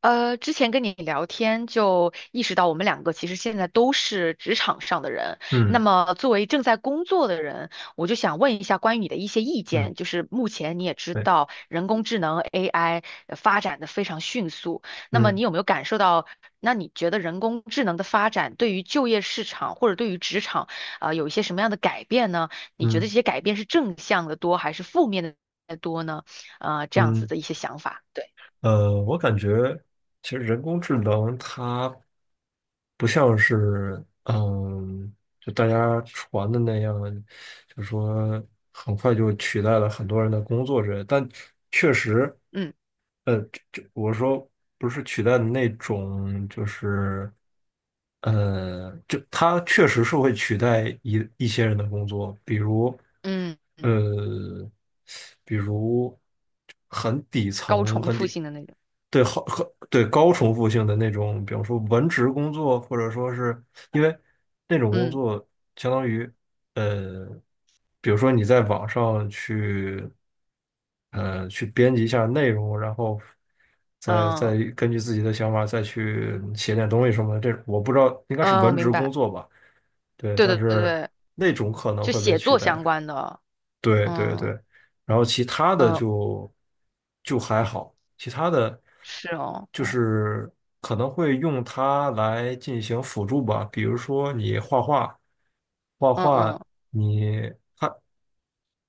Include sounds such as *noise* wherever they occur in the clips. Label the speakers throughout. Speaker 1: 之前跟你聊天就意识到，我们两个其实现在都是职场上的人。那
Speaker 2: 嗯
Speaker 1: 么，作为正在工作的人，我就想问一下关于你的一些意
Speaker 2: 嗯，
Speaker 1: 见。就是目前你也知
Speaker 2: 对，
Speaker 1: 道，人工智能 AI 发展的非常迅速。那么，
Speaker 2: 嗯
Speaker 1: 你有没有感受到？那你觉得人工智能的发展对于就业市场或者对于职场，有一些什么样的改变呢？你觉得
Speaker 2: 嗯
Speaker 1: 这些改变是正向的多还是负面的多呢？这样子
Speaker 2: 嗯，
Speaker 1: 的一些想法。对，
Speaker 2: 我感觉其实人工智能它不像是就大家传的那样，就说很快就取代了很多人的工作之类的，但确实，
Speaker 1: 嗯
Speaker 2: 就这我说不是取代的那种，就是。就它确实是会取代一些人的工作，比如，
Speaker 1: 嗯。
Speaker 2: 呃，比如很底
Speaker 1: 高
Speaker 2: 层、
Speaker 1: 重复性的那种。
Speaker 2: 对，好，很对高重复性的那种，比方说文职工作，或者说是因为那种工
Speaker 1: 嗯
Speaker 2: 作相当于。呃，比如说你在网上去去编辑一下内容，然后再
Speaker 1: 嗯
Speaker 2: 再根据自己的想法再去写点东西什么的，这我不知道应该是
Speaker 1: 嗯，我
Speaker 2: 文职
Speaker 1: 明
Speaker 2: 工
Speaker 1: 白。
Speaker 2: 作吧？对，
Speaker 1: 对
Speaker 2: 但
Speaker 1: 对对
Speaker 2: 是
Speaker 1: 对，
Speaker 2: 那种可能
Speaker 1: 就
Speaker 2: 会被
Speaker 1: 写
Speaker 2: 取
Speaker 1: 作
Speaker 2: 代。
Speaker 1: 相关的。
Speaker 2: 对对对，
Speaker 1: 嗯
Speaker 2: 然后其他的
Speaker 1: 嗯，
Speaker 2: 就就还好，其他的
Speaker 1: 是哦。
Speaker 2: 就
Speaker 1: 嗯
Speaker 2: 是可能会用它来进行辅助吧，比如说你画画，画
Speaker 1: 嗯
Speaker 2: 画
Speaker 1: 嗯
Speaker 2: 你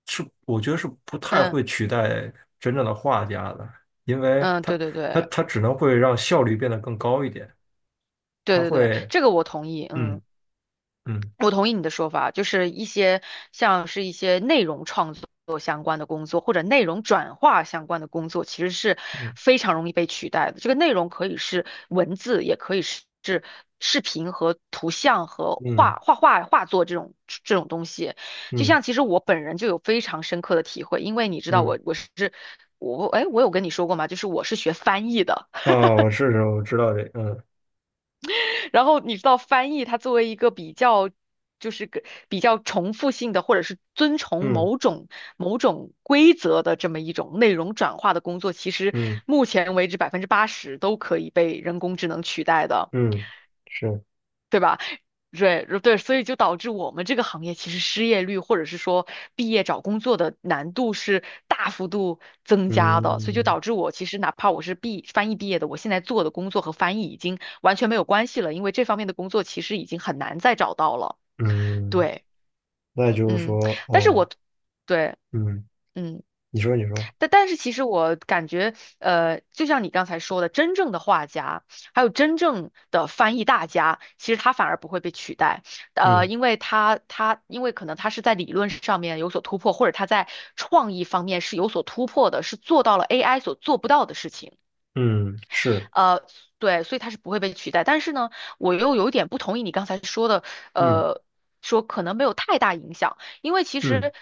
Speaker 2: 是我觉得是不太
Speaker 1: 嗯
Speaker 2: 会取代真正的画家的，因为
Speaker 1: 嗯，
Speaker 2: 它
Speaker 1: 对对
Speaker 2: 它
Speaker 1: 对
Speaker 2: 它只能会让效率变得更高一点，
Speaker 1: 对
Speaker 2: 它
Speaker 1: 对对，
Speaker 2: 会
Speaker 1: 这个我同意。嗯。
Speaker 2: 嗯嗯
Speaker 1: 我同意你的说法，就是一些像是一些内容创作相关的工作，或者内容转化相关的工作，其实是
Speaker 2: 嗯
Speaker 1: 非常容易被取代的。这个内容可以是文字，也可以是视频和图像和
Speaker 2: 嗯
Speaker 1: 画画画画作这种东西。就
Speaker 2: 嗯嗯
Speaker 1: 像其实我本人就有非常深刻的体会，因为你知道
Speaker 2: 嗯
Speaker 1: 我我是我哎我有跟你说过吗？就是我是学翻译的。
Speaker 2: 啊，我试试，我知道这
Speaker 1: 然后你知道翻译，它作为一个比较，就是个比较重复性的，或者是遵从
Speaker 2: 嗯
Speaker 1: 某种规则的这么一种内容转化的工作，其实
Speaker 2: 嗯
Speaker 1: 目前为止80%都可以被人工智能取代的，
Speaker 2: 嗯，是。
Speaker 1: 对吧？对对，所以就导致我们这个行业其实失业率或者是说毕业找工作的难度是大幅度增加的，所以就
Speaker 2: 嗯
Speaker 1: 导致我其实哪怕我是翻译毕业的，我现在做的工作和翻译已经完全没有关系了，因为这方面的工作其实已经很难再找到了。
Speaker 2: 嗯，
Speaker 1: 对，
Speaker 2: 那也就是
Speaker 1: 嗯，
Speaker 2: 说，
Speaker 1: 但是
Speaker 2: 哦，
Speaker 1: 我对，
Speaker 2: 嗯，
Speaker 1: 嗯。
Speaker 2: 你说，你说，
Speaker 1: 但是其实我感觉，就像你刚才说的，真正的画家，还有真正的翻译大家，其实他反而不会被取代，
Speaker 2: 嗯
Speaker 1: 因为可能他是在理论上面有所突破，或者他在创意方面是有所突破的，是做到了 AI 所做不到的事情。
Speaker 2: 嗯，是，
Speaker 1: 呃，对，所以它是不会被取代。但是呢，我又有点不同意你刚才说的，
Speaker 2: 嗯
Speaker 1: 呃，说可能没有太大影响，因为其
Speaker 2: 嗯
Speaker 1: 实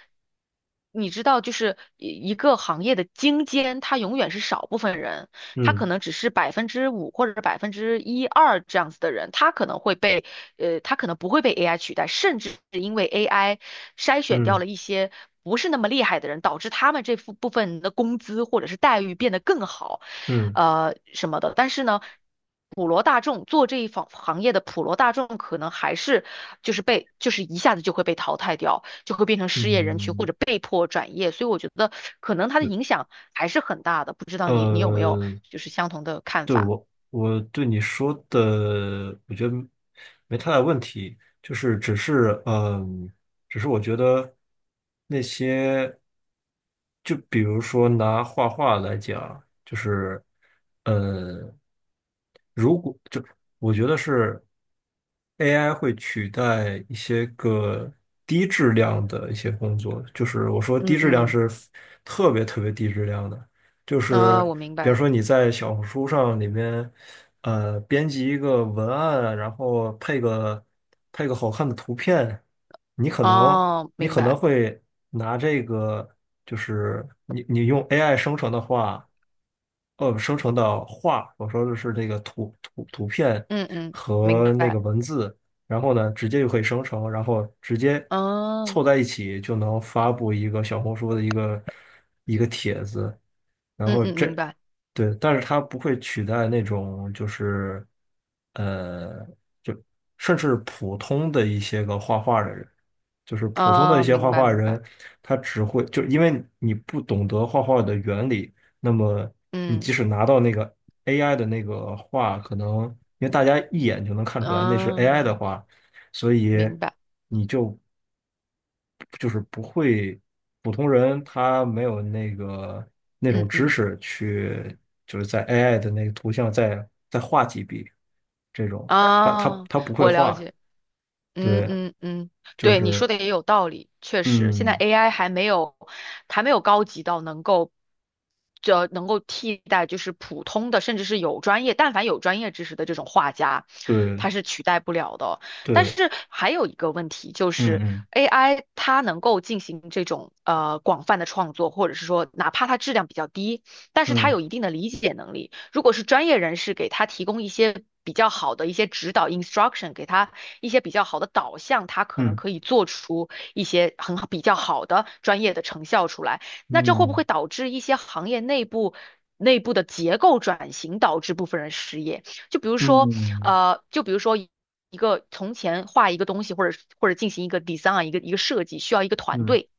Speaker 1: 你知道，就是一个行业的精尖，它永远是少部分人。他
Speaker 2: 嗯
Speaker 1: 可能只是5%或者是百分之一二这样子的人，他可能不会被 AI 取代，甚至是因为 AI 筛选掉
Speaker 2: 嗯
Speaker 1: 了一些不是那么厉害的人，导致他们这部分的工资或者是待遇变得更好，
Speaker 2: 嗯
Speaker 1: 什么的。但是呢。普罗大众做这一行业的普罗大众，可能还是就是被就是一下子就会被淘汰掉，就会变成
Speaker 2: 嗯，
Speaker 1: 失业人群或
Speaker 2: 嗯
Speaker 1: 者被迫转业，所以我觉得可能它的
Speaker 2: 对，
Speaker 1: 影响还是很大的。不知道你有没有
Speaker 2: 呃。
Speaker 1: 就是相同的看法？
Speaker 2: 我对你说的，我觉得没太大问题，就是只是只是我觉得那些，就比如说拿画画来讲，就是呃，如果就我觉得是 AI 会取代一些个低质量的一些工作，就是我说低
Speaker 1: 嗯
Speaker 2: 质量
Speaker 1: 嗯，
Speaker 2: 是特别特别低质量的。就
Speaker 1: 啊、
Speaker 2: 是
Speaker 1: 我明
Speaker 2: 比如
Speaker 1: 白，
Speaker 2: 说你在小红书上里面，编辑一个文案，然后配个配个好看的图片，你可能
Speaker 1: 哦，
Speaker 2: 你
Speaker 1: 明
Speaker 2: 可能
Speaker 1: 白，
Speaker 2: 会拿这个，就是你用 AI 生成的话，生成的画，我说的是这个图片
Speaker 1: 嗯嗯，明
Speaker 2: 和那个
Speaker 1: 白，
Speaker 2: 文字，然后呢，直接就可以生成，然后直接
Speaker 1: 哦，
Speaker 2: 凑在一起就能发布一个小红书的一个帖子。然
Speaker 1: 嗯
Speaker 2: 后
Speaker 1: 嗯，
Speaker 2: 这，
Speaker 1: 明白，
Speaker 2: 对，但是它不会取代那种就是，呃，就甚至普通的一些个画画的人，就是普通的一
Speaker 1: 哦，
Speaker 2: 些
Speaker 1: 明
Speaker 2: 画
Speaker 1: 白
Speaker 2: 画
Speaker 1: 明白，
Speaker 2: 人，他只会就因为你不懂得画画的原理，那么你
Speaker 1: 嗯，
Speaker 2: 即使拿到那个 AI 的那个画，可能因为大家一眼就能看出来那是 AI
Speaker 1: 哦，
Speaker 2: 的画，所以。
Speaker 1: 明白，
Speaker 2: 你就。就是不会，普通人他没有那个那种
Speaker 1: 嗯
Speaker 2: 知
Speaker 1: 嗯，
Speaker 2: 识去，就是在 AI 的那个图像再画几笔这种，他他
Speaker 1: 啊、
Speaker 2: 他不会
Speaker 1: 我了
Speaker 2: 画，
Speaker 1: 解。嗯
Speaker 2: 对，
Speaker 1: 嗯嗯，
Speaker 2: 就
Speaker 1: 对，你说
Speaker 2: 是
Speaker 1: 的也有道理，确实，现在
Speaker 2: 嗯，
Speaker 1: AI 还没有高级到能够，就能够替代就是普通的，甚至是有专业，但凡有专业知识的这种画家，
Speaker 2: 对
Speaker 1: 他是取代不了的哦。但
Speaker 2: 对，
Speaker 1: 是还有一个问题就
Speaker 2: 嗯
Speaker 1: 是
Speaker 2: 嗯
Speaker 1: AI 它能够进行这种广泛的创作，或者是说哪怕它质量比较低，但是它
Speaker 2: 嗯
Speaker 1: 有一定的理解能力。如果是专业人士给他提供一些比较好的一些指导 instruction，给他一些比较好的导向，它可能
Speaker 2: 嗯
Speaker 1: 可以做出一些很好比较好的专业的成效出来。那这会不会导致一些行业内部？内部的结构转型导致部分人失业，就比如说，
Speaker 2: 嗯
Speaker 1: 就比如说一个从前画一个东西，或者进行一个 design，一个设计，需要一个团
Speaker 2: 嗯
Speaker 1: 队，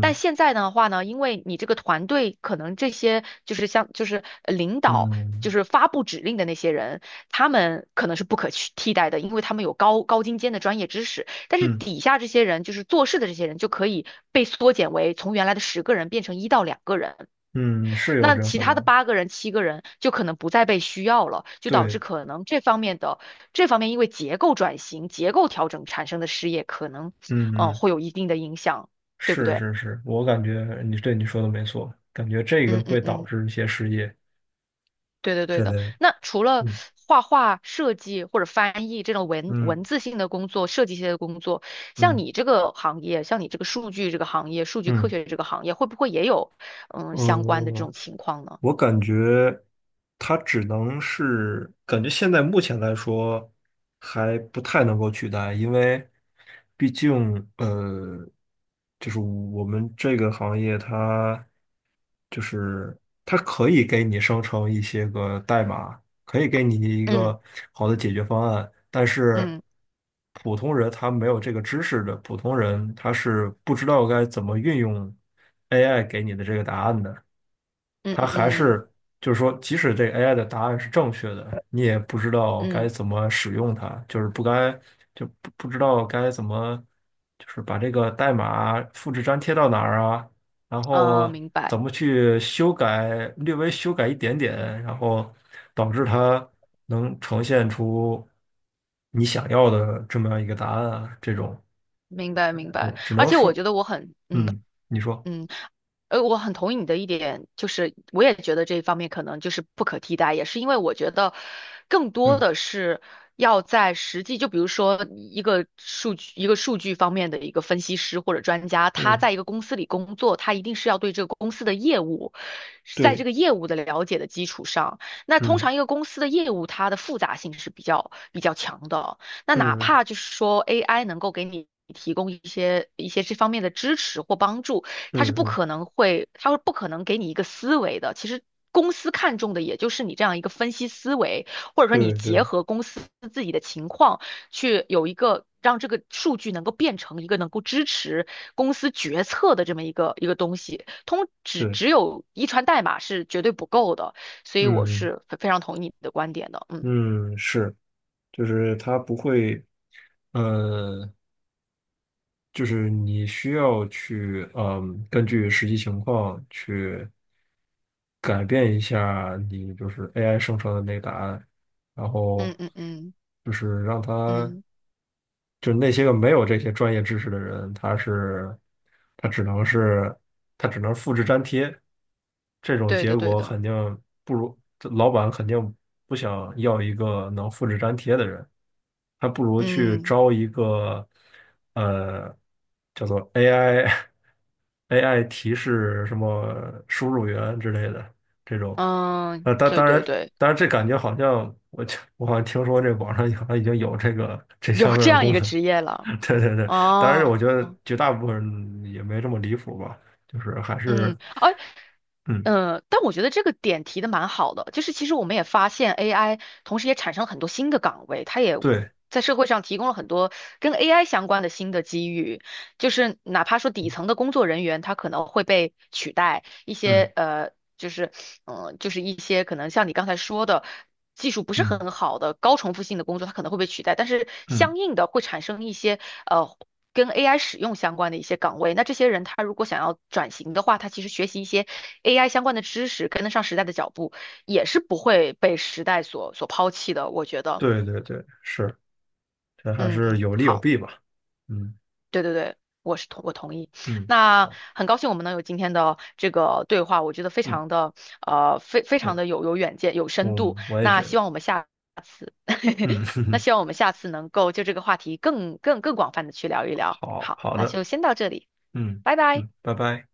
Speaker 1: 但现在的话呢，因为你这个团队可能这些就是像领导，就
Speaker 2: 嗯
Speaker 1: 是发布指令的那些人，他们可能是不可去替代的，因为他们有高精尖的专业知识。但是
Speaker 2: 嗯
Speaker 1: 底下这些人，就是做事的这些人，就可以被缩减为从原来的10个人变成1到2个人，
Speaker 2: 嗯，是有
Speaker 1: 那
Speaker 2: 这种
Speaker 1: 其
Speaker 2: 可
Speaker 1: 他的
Speaker 2: 能，
Speaker 1: 8个人、7个人就可能不再被需要了，就导致
Speaker 2: 对。
Speaker 1: 可能这方面因为结构转型、结构调整产生的失业，可能
Speaker 2: 嗯嗯，
Speaker 1: 会有一定的影响，对不
Speaker 2: 是
Speaker 1: 对？
Speaker 2: 是是，我感觉你对你说的没错，感觉这个
Speaker 1: 嗯嗯
Speaker 2: 会导
Speaker 1: 嗯。
Speaker 2: 致一些失业
Speaker 1: 对的，对
Speaker 2: 之类
Speaker 1: 的。
Speaker 2: 的。
Speaker 1: 那除了
Speaker 2: 嗯
Speaker 1: 画画、设计或者翻译这种文
Speaker 2: 嗯
Speaker 1: 文字性的工作、设计性的工作，像
Speaker 2: 嗯
Speaker 1: 你这个行业，像你这个数据这个行业、数据科
Speaker 2: 嗯，
Speaker 1: 学这个行业，会不会也有相关的这
Speaker 2: 哦、
Speaker 1: 种情况呢？
Speaker 2: 我感觉它只能是，感觉现在目前来说还不太能够取代，因为毕竟就是我们这个行业它就是它可以给你生成一些个代码，可以给你一
Speaker 1: 嗯
Speaker 2: 个好的解决方案，但是
Speaker 1: 嗯
Speaker 2: 普通人他没有这个知识的，普通人他是不知道该怎么运用 AI 给你的这个答案的。
Speaker 1: 嗯
Speaker 2: 它还
Speaker 1: 嗯
Speaker 2: 是就是说，即使这 AI 的答案是正确的，你也不知道
Speaker 1: 嗯
Speaker 2: 该
Speaker 1: 嗯，
Speaker 2: 怎么使用它，就是不该就不知道该怎么，就是把这个代码复制粘贴到哪儿啊，然
Speaker 1: 啊，
Speaker 2: 后
Speaker 1: 明
Speaker 2: 怎
Speaker 1: 白
Speaker 2: 么去修改，略微修改一点点，然后导致它能呈现出你想要的这么样一个答案啊，这种，
Speaker 1: 明白明白。
Speaker 2: 嗯只
Speaker 1: 而
Speaker 2: 能
Speaker 1: 且我觉
Speaker 2: 说，
Speaker 1: 得我很嗯
Speaker 2: 嗯，你说，
Speaker 1: 嗯。我很同意你的一点，就是我也觉得这一方面可能就是不可替代，也是因为我觉得更多
Speaker 2: 嗯
Speaker 1: 的是要在实际，就比如说一个数据方面的一个分析师或者专家，他
Speaker 2: 嗯，
Speaker 1: 在一个公司里工作，他一定是要对这个公司的业务，在这
Speaker 2: 对，
Speaker 1: 个业务的了解的基础上，那通
Speaker 2: 嗯
Speaker 1: 常一个公司的业务它的复杂性是比较强的，那哪
Speaker 2: 嗯
Speaker 1: 怕就是说 AI 能够给你，提供一些这方面的支持或帮助，
Speaker 2: 嗯嗯嗯。
Speaker 1: 它会不可能给你一个思维的。其实公司看重的也就是你这样一个分析思维，或者说你
Speaker 2: 对
Speaker 1: 结
Speaker 2: 对
Speaker 1: 合公司自己的情况去有一个让这个数据能够变成一个能够支持公司决策的这么一个东西。通只
Speaker 2: 对，
Speaker 1: 只有遗传代码是绝对不够的，所以我
Speaker 2: 嗯
Speaker 1: 是非常同意你的观点的。嗯
Speaker 2: 嗯，是，就是它不会，呃，就是你需要去，根据实际情况去改变一下你就是 AI 生成的那个答案，然后
Speaker 1: 嗯嗯嗯
Speaker 2: 就是让它
Speaker 1: 嗯，
Speaker 2: 就那些个没有这些专业知识的人，他只能是他只能复制粘贴，这种
Speaker 1: 对
Speaker 2: 结
Speaker 1: 的对
Speaker 2: 果
Speaker 1: 的，
Speaker 2: 肯定不如这老板肯定不想要一个能复制粘贴的人，还不如去
Speaker 1: 嗯
Speaker 2: 招一个呃叫做 AI *laughs* 提示什么输入员之类的。这种。
Speaker 1: 嗯
Speaker 2: 当
Speaker 1: 对
Speaker 2: 当然，
Speaker 1: 对对，
Speaker 2: 当然，这感觉好像我我好像听说这网上好像已经有这个这
Speaker 1: 有
Speaker 2: 方面
Speaker 1: 这
Speaker 2: 的
Speaker 1: 样
Speaker 2: 功
Speaker 1: 一个
Speaker 2: 能。
Speaker 1: 职业了
Speaker 2: *laughs* 对对对，当然，
Speaker 1: 哦。
Speaker 2: 我觉得绝大部分人也没这么离谱吧，就是还是，
Speaker 1: 嗯，
Speaker 2: 嗯，
Speaker 1: 但我觉得这个点提的蛮好的，就是其实我们也发现 AI，同时也产生了很多新的岗位，它也
Speaker 2: 对，
Speaker 1: 在社会上提供了很多跟 AI 相关的新的机遇，就是哪怕说底层的工作人员，他可能会被取代，一
Speaker 2: 嗯
Speaker 1: 些呃，就是嗯、呃就是一些可能像你刚才说的。技术不是
Speaker 2: 嗯
Speaker 1: 很好的高重复性的工作，它可能会被取代，但是
Speaker 2: 嗯，
Speaker 1: 相应的会产生一些呃跟 AI 使用相关的一些岗位。那这些人他如果想要转型的话，他其实学习一些 AI 相关的知识，跟得上时代的脚步，也是不会被时代所抛弃的。我觉得，
Speaker 2: 对对对，是，这还
Speaker 1: 嗯，
Speaker 2: 是有利有
Speaker 1: 好，
Speaker 2: 弊吧，嗯
Speaker 1: 对对对。我同意，
Speaker 2: 嗯，
Speaker 1: 那
Speaker 2: 好，
Speaker 1: 很高兴我们能有今天的这个对话，我觉得非
Speaker 2: 嗯，
Speaker 1: 常的呃非非
Speaker 2: 我
Speaker 1: 常的有远见有深度。
Speaker 2: 嗯，我也觉
Speaker 1: 那希
Speaker 2: 得，
Speaker 1: 望我们下 *laughs*
Speaker 2: 嗯，
Speaker 1: 那
Speaker 2: *laughs*
Speaker 1: 希望我们下次能够就这个话题更广泛的去聊一聊。
Speaker 2: 好
Speaker 1: 好，
Speaker 2: 好
Speaker 1: 那
Speaker 2: 的，
Speaker 1: 就先到这里，
Speaker 2: 嗯
Speaker 1: 拜拜。
Speaker 2: 拜拜。